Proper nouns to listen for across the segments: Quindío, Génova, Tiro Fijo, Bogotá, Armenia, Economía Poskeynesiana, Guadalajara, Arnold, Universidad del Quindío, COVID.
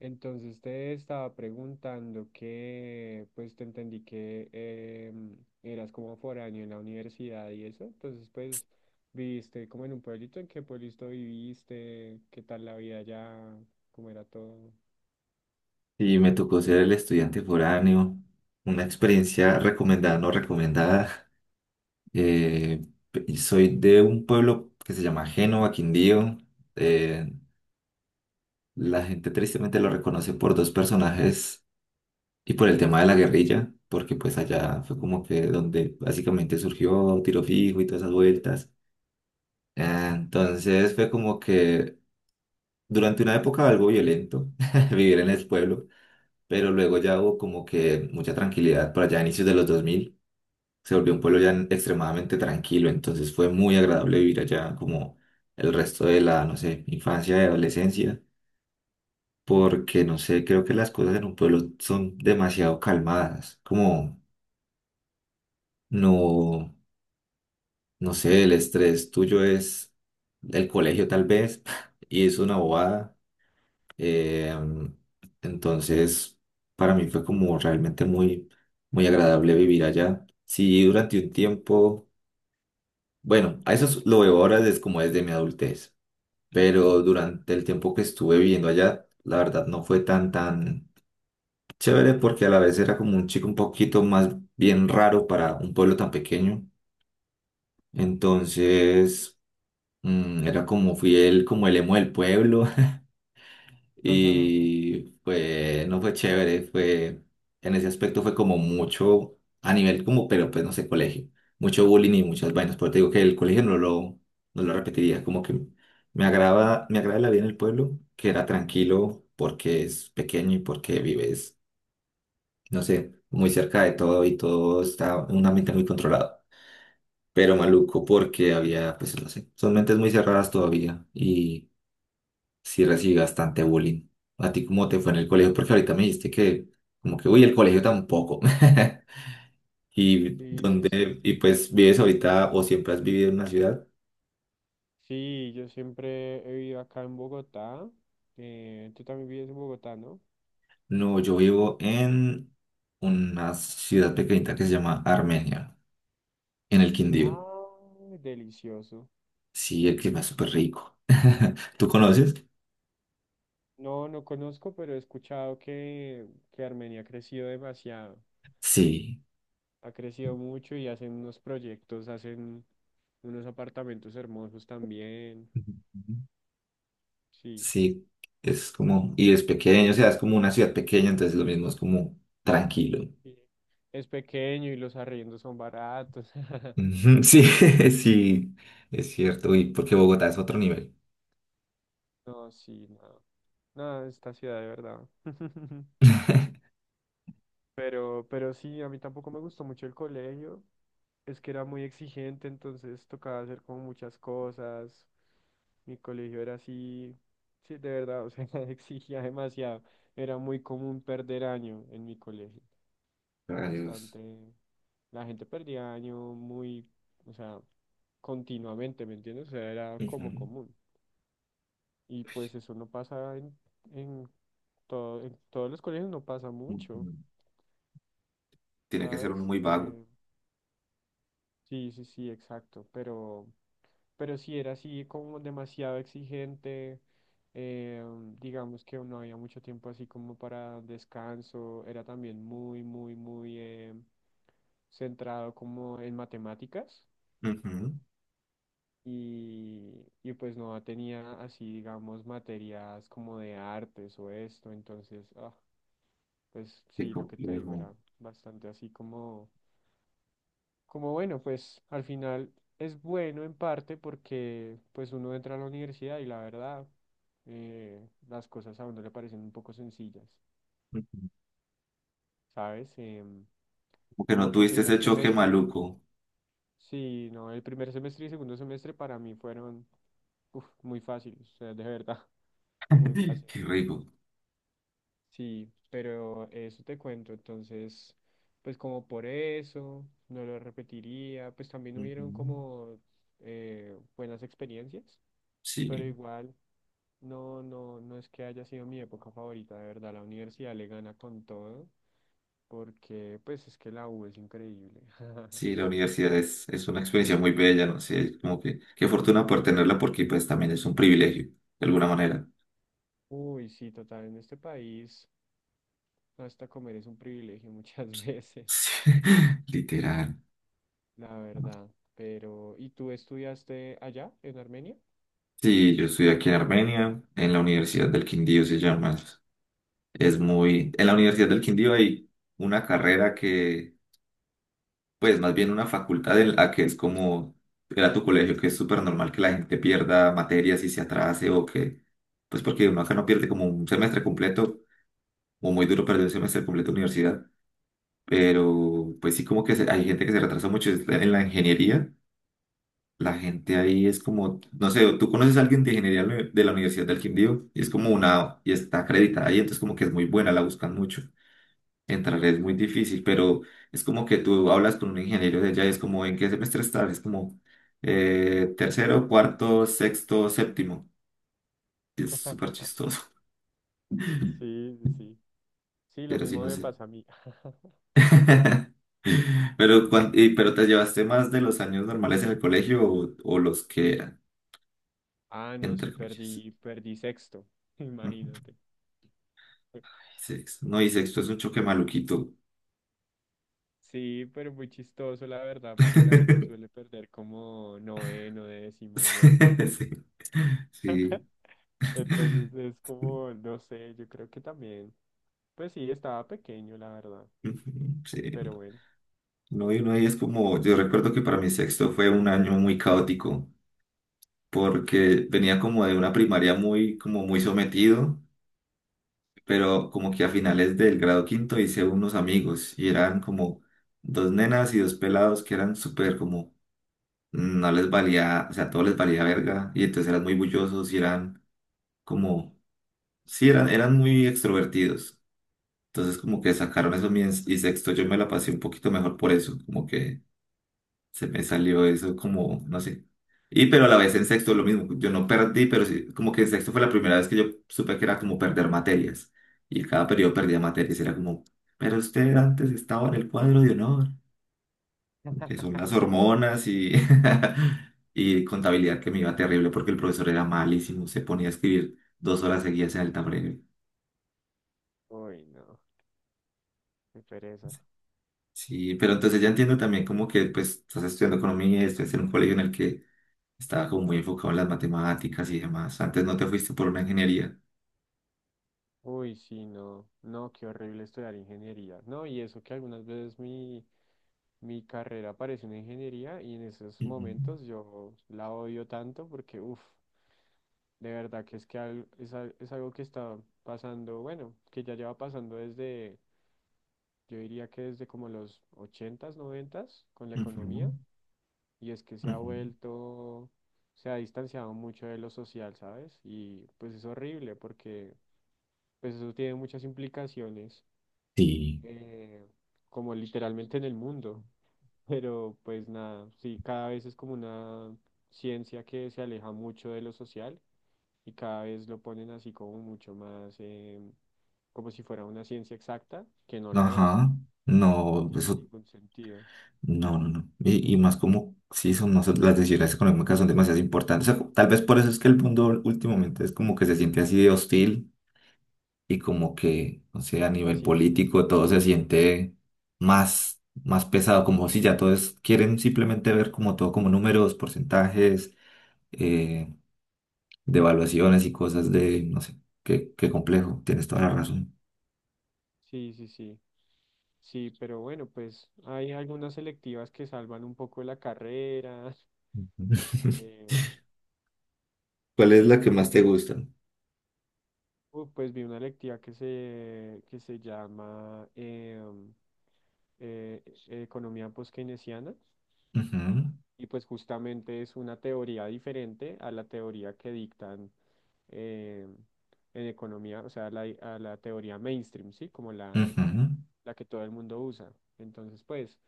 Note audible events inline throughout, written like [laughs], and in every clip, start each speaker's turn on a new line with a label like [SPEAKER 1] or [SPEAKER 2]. [SPEAKER 1] Entonces te estaba preguntando que, pues te entendí que eras como foráneo en la universidad y eso, entonces pues viviste como en un pueblito. ¿En qué pueblito viviste? ¿Qué tal la vida allá? ¿Cómo era todo?
[SPEAKER 2] Y me tocó ser el estudiante foráneo, una experiencia recomendada, no recomendada. Eh, y soy de un pueblo que se llama Génova, Quindío. Eh, la gente tristemente lo reconoce por dos personajes y por el tema de la guerrilla, porque pues allá fue como que donde básicamente surgió Tiro Fijo y todas esas vueltas. Ah, entonces fue como que durante una época algo violento [laughs] vivir en el pueblo. Pero luego ya hubo como que mucha tranquilidad por allá a inicios de los 2000. Se volvió un pueblo ya extremadamente tranquilo, entonces fue muy agradable vivir allá como el resto de la, no sé, infancia y adolescencia, porque no sé, creo que las cosas en un pueblo son demasiado calmadas, como no, no sé, el estrés tuyo es el colegio tal vez, [laughs] y es una bobada. Eh, entonces, para mí fue como realmente muy, muy agradable vivir allá. Sí, durante un tiempo, bueno, lo veo ahora desde como desde mi adultez, pero durante el tiempo que estuve viviendo allá, la verdad no fue tan, tan chévere porque a la vez era como un chico un poquito más bien raro para un pueblo tan pequeño. Entonces, era como fui el, como el emo del pueblo.
[SPEAKER 1] [laughs]
[SPEAKER 2] Y fue, no fue chévere, fue, en ese aspecto fue como mucho, a nivel como, pero pues no sé, colegio, mucho bullying y muchas vainas, pero te digo que el colegio no lo repetiría, como que me agrada la vida en el pueblo, que era tranquilo porque es pequeño y porque vives, no sé, muy cerca de todo y todo está en un ambiente muy controlado, pero maluco porque había, pues no sé, son mentes muy cerradas todavía. Sí recibí bastante bullying. ¿A ti cómo te fue en el colegio? Porque ahorita me dijiste que, como que, uy, el colegio tampoco. [laughs] ¿Y
[SPEAKER 1] Sí, sí, sí.
[SPEAKER 2] dónde y pues vives ahorita o siempre has vivido en una ciudad?
[SPEAKER 1] Sí, yo siempre he vivido acá en Bogotá. Tú también vives en Bogotá, ¿no?
[SPEAKER 2] No, yo vivo en una ciudad pequeñita que se llama Armenia, en el Quindío.
[SPEAKER 1] Ah, delicioso,
[SPEAKER 2] Sí, el clima es
[SPEAKER 1] delicioso.
[SPEAKER 2] súper rico. [laughs] ¿Tú conoces?
[SPEAKER 1] No, no conozco, pero he escuchado que Armenia ha crecido demasiado.
[SPEAKER 2] Sí.
[SPEAKER 1] Ha crecido mucho y hacen unos proyectos, hacen unos apartamentos hermosos también.
[SPEAKER 2] Ujú.
[SPEAKER 1] Sí.
[SPEAKER 2] Sí, es como, y es pequeño, o sea, es como una ciudad pequeña, entonces lo mismo es como tranquilo.
[SPEAKER 1] Sí. Es pequeño y los arriendos son baratos. [laughs]
[SPEAKER 2] Ujú, sí, [laughs] sí, es cierto. Y porque Bogotá es otro nivel.
[SPEAKER 1] No, sí, no. No, esta ciudad de verdad. [laughs] Pero sí, a mí tampoco me gustó mucho el colegio. Es que era muy exigente, entonces tocaba hacer como muchas cosas. Mi colegio era así, sí, de verdad, o sea, [laughs] exigía demasiado. Era muy común perder año en mi colegio.
[SPEAKER 2] Rayos.
[SPEAKER 1] Bastante, la gente perdía año muy, o sea, continuamente, ¿me entiendes? O sea, era como
[SPEAKER 2] Ujú,
[SPEAKER 1] común. Y pues eso no pasa en, todo, en todos los colegios, no pasa mucho,
[SPEAKER 2] ujú. Tiene que ser uno
[SPEAKER 1] ¿sabes?
[SPEAKER 2] muy vago.
[SPEAKER 1] Sí, sí, sí, exacto, pero sí era así como demasiado exigente, eh, digamos que no había mucho tiempo así como para descanso, era también muy, muy, muy centrado como en matemáticas
[SPEAKER 2] Ujú,
[SPEAKER 1] y pues no tenía así, digamos, materias como de artes o esto, entonces, ah, pues
[SPEAKER 2] qué
[SPEAKER 1] sí, lo que te digo
[SPEAKER 2] complejo.
[SPEAKER 1] era bastante así como como bueno, pues al final es bueno en parte porque pues uno entra a la universidad y la verdad las cosas a uno le parecen un poco sencillas,
[SPEAKER 2] Ujú.
[SPEAKER 1] ¿sabes?
[SPEAKER 2] Como que
[SPEAKER 1] Como
[SPEAKER 2] no
[SPEAKER 1] que el
[SPEAKER 2] tuviste
[SPEAKER 1] primer
[SPEAKER 2] ese choque
[SPEAKER 1] semestre,
[SPEAKER 2] maluco.
[SPEAKER 1] sí, no, el primer semestre y segundo semestre para mí fueron uf, muy fáciles, o sea, de verdad, [laughs] muy
[SPEAKER 2] [laughs]
[SPEAKER 1] fáciles.
[SPEAKER 2] Qué rico.
[SPEAKER 1] Sí, pero eso te cuento, entonces, pues como por eso, no lo repetiría, pues también hubieron
[SPEAKER 2] Ujú.
[SPEAKER 1] como buenas experiencias, pero
[SPEAKER 2] Sí,
[SPEAKER 1] igual. No, no, no es que haya sido mi época favorita, de verdad, la universidad le gana con todo, porque pues es que la U es increíble.
[SPEAKER 2] sí, la
[SPEAKER 1] [laughs]
[SPEAKER 2] universidad es una experiencia muy bella, ¿no? Sé, como que qué fortuna por tenerla porque pues también es un privilegio, de alguna manera.
[SPEAKER 1] Uy, sí, total, en este país hasta comer es un privilegio muchas [laughs] veces,
[SPEAKER 2] Sí, [laughs] literal.
[SPEAKER 1] la verdad. Pero, ¿y tú estudiaste allá, en Armenia?
[SPEAKER 2] Sí, yo estoy aquí en Armenia, en la Universidad del Quindío se llama.
[SPEAKER 1] Uh.
[SPEAKER 2] En la Universidad del Quindío hay una carrera que, pues más bien una facultad en la que es como, era tu colegio, que es súper normal que la gente pierda materias y se atrase o que, pues porque uno acá no pierde como un semestre completo, o muy duro perder un semestre completo de universidad, pero pues sí como que hay gente que se retrasa mucho. En la ingeniería. La gente ahí es como, no sé, tú conoces a alguien de ingeniería de la Universidad del Quindío y es como una, y está acreditada ahí, entonces como que es muy buena, la buscan mucho. Entrar es muy difícil, pero es como que tú hablas con un ingeniero de allá y es como, ¿en qué semestre estás? Es como tercero, cuarto, sexto, séptimo. Es súper
[SPEAKER 1] [laughs]
[SPEAKER 2] chistoso, [laughs]
[SPEAKER 1] Sí, sí, sí. Sí, lo
[SPEAKER 2] pero sí,
[SPEAKER 1] mismo
[SPEAKER 2] no
[SPEAKER 1] me
[SPEAKER 2] sé.
[SPEAKER 1] pasa a mí. [laughs]
[SPEAKER 2] [laughs] Pero, pero te llevaste más de los años normales en el colegio o los que eran,
[SPEAKER 1] Ah, no, sí,
[SPEAKER 2] entre comillas.
[SPEAKER 1] perdí, perdí sexto, [laughs]
[SPEAKER 2] Ujú.
[SPEAKER 1] imagínate.
[SPEAKER 2] Sexto. No, y sexto es un choque maluquito.
[SPEAKER 1] Sí, pero muy chistoso, la verdad, porque la gente
[SPEAKER 2] [laughs]
[SPEAKER 1] suele perder como noveno, décimo y eso.
[SPEAKER 2] Sí, sí.
[SPEAKER 1] Entonces es como, no sé, yo creo que también. Pues sí, estaba pequeño, la verdad,
[SPEAKER 2] Ujú, sí.
[SPEAKER 1] pero bueno.
[SPEAKER 2] No, y uno ahí es como, yo recuerdo que para mi sexto fue un año muy caótico, porque venía como de una primaria muy, como muy sometido, pero como que a finales del grado quinto hice unos amigos y eran como dos nenas y dos pelados que eran súper como, no les valía, o sea, todo les valía verga, y entonces eran muy bullosos y eran como, sí, eran, eran muy extrovertidos. Entonces como que sacaron eso y sexto yo me la pasé un poquito mejor por eso, como que se me salió eso como, no sé. Y pero a la vez en sexto lo mismo, yo no perdí, pero sí, como que en sexto fue la primera vez que yo supe que era como perder materias. Y en cada periodo perdía materias, era como, pero usted antes estaba en el cuadro de honor, que son las
[SPEAKER 1] [laughs]
[SPEAKER 2] hormonas y, [laughs] y contabilidad que me iba terrible porque el profesor era malísimo, se ponía a escribir 2 horas seguidas en el tablero.
[SPEAKER 1] Uy, no, qué pereza.
[SPEAKER 2] Sí, pero entonces ya entiendo también como que pues estás estudiando economía, estás en un colegio en el que estaba como muy enfocado en las matemáticas y demás. Antes no te fuiste por una ingeniería.
[SPEAKER 1] Uy, sí, no, no, qué horrible estudiar ingeniería. No, y eso que algunas veces mi, mi carrera parece una ingeniería y en esos
[SPEAKER 2] Ujú,
[SPEAKER 1] momentos yo la odio tanto porque, uff. De verdad que es que al- es algo que está pasando, bueno, que ya lleva pasando desde, yo diría que desde como los 80s 90s con la
[SPEAKER 2] ujú,
[SPEAKER 1] economía, y es que se ha
[SPEAKER 2] ujú.
[SPEAKER 1] vuelto, se ha distanciado mucho de lo social, ¿sabes? Y pues es horrible porque pues eso tiene muchas implicaciones,
[SPEAKER 2] Sí,
[SPEAKER 1] eh, como literalmente en el mundo, [laughs] pero pues nada, sí, cada vez es como una ciencia que se aleja mucho de lo social y cada vez lo ponen así como mucho más, como si fuera una ciencia exacta, que no lo es,
[SPEAKER 2] ajá,
[SPEAKER 1] no
[SPEAKER 2] no,
[SPEAKER 1] tiene
[SPEAKER 2] eso,
[SPEAKER 1] ningún sentido.
[SPEAKER 2] no, no, no. Y más como, sí, son, no sé, las decisiones económicas son demasiado importantes. O sea, tal vez por eso es que el mundo últimamente es como que se siente así de hostil y como que, no sé, a nivel
[SPEAKER 1] Así es.
[SPEAKER 2] político todo se siente más, más pesado, como si ya todos quieren simplemente ver como todo como números, porcentajes, eh, de evaluaciones y cosas de, no sé, qué, qué complejo, tienes toda la razón.
[SPEAKER 1] Sí, sí, sí. Sí, pero bueno, pues hay algunas selectivas que salvan un poco la carrera. [laughs]
[SPEAKER 2] Ujú. [laughs]
[SPEAKER 1] eh,
[SPEAKER 2] ¿Cuál es
[SPEAKER 1] sí,
[SPEAKER 2] la que
[SPEAKER 1] pues
[SPEAKER 2] más te gusta?
[SPEAKER 1] pues vi una electiva que se llama eh, Economía Poskeynesiana.
[SPEAKER 2] Ujú,
[SPEAKER 1] Y pues justamente es una teoría diferente a la teoría que dictan eh, en economía, o sea, a la teoría mainstream, ¿sí? Como la,
[SPEAKER 2] ujú,
[SPEAKER 1] la que todo el mundo usa. Entonces, pues,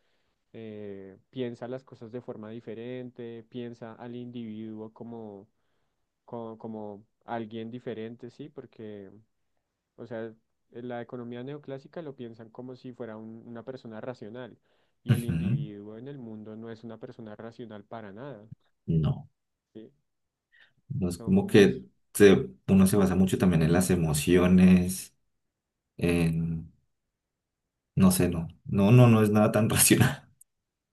[SPEAKER 1] piensa las cosas de forma diferente, piensa al individuo como, como, como alguien diferente, ¿sí? Porque, o sea, en la economía neoclásica lo piensan como si fuera un- una persona racional. Y el
[SPEAKER 2] ujú.
[SPEAKER 1] individuo en el mundo no es una persona racional para nada.
[SPEAKER 2] No,
[SPEAKER 1] Sí,
[SPEAKER 2] no es como que
[SPEAKER 1] somos
[SPEAKER 2] uno se basa mucho también en las emociones, en, no sé, no, no, no, no es nada tan [laughs] racional.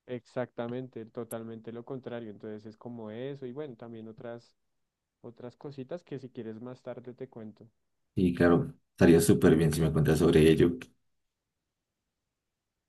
[SPEAKER 1] exactamente, totalmente lo contrario. Entonces es como eso y bueno, también otras, otras cositas que si quieres más tarde te cuento.
[SPEAKER 2] Y claro, estaría súper bien si me cuentas sobre ello.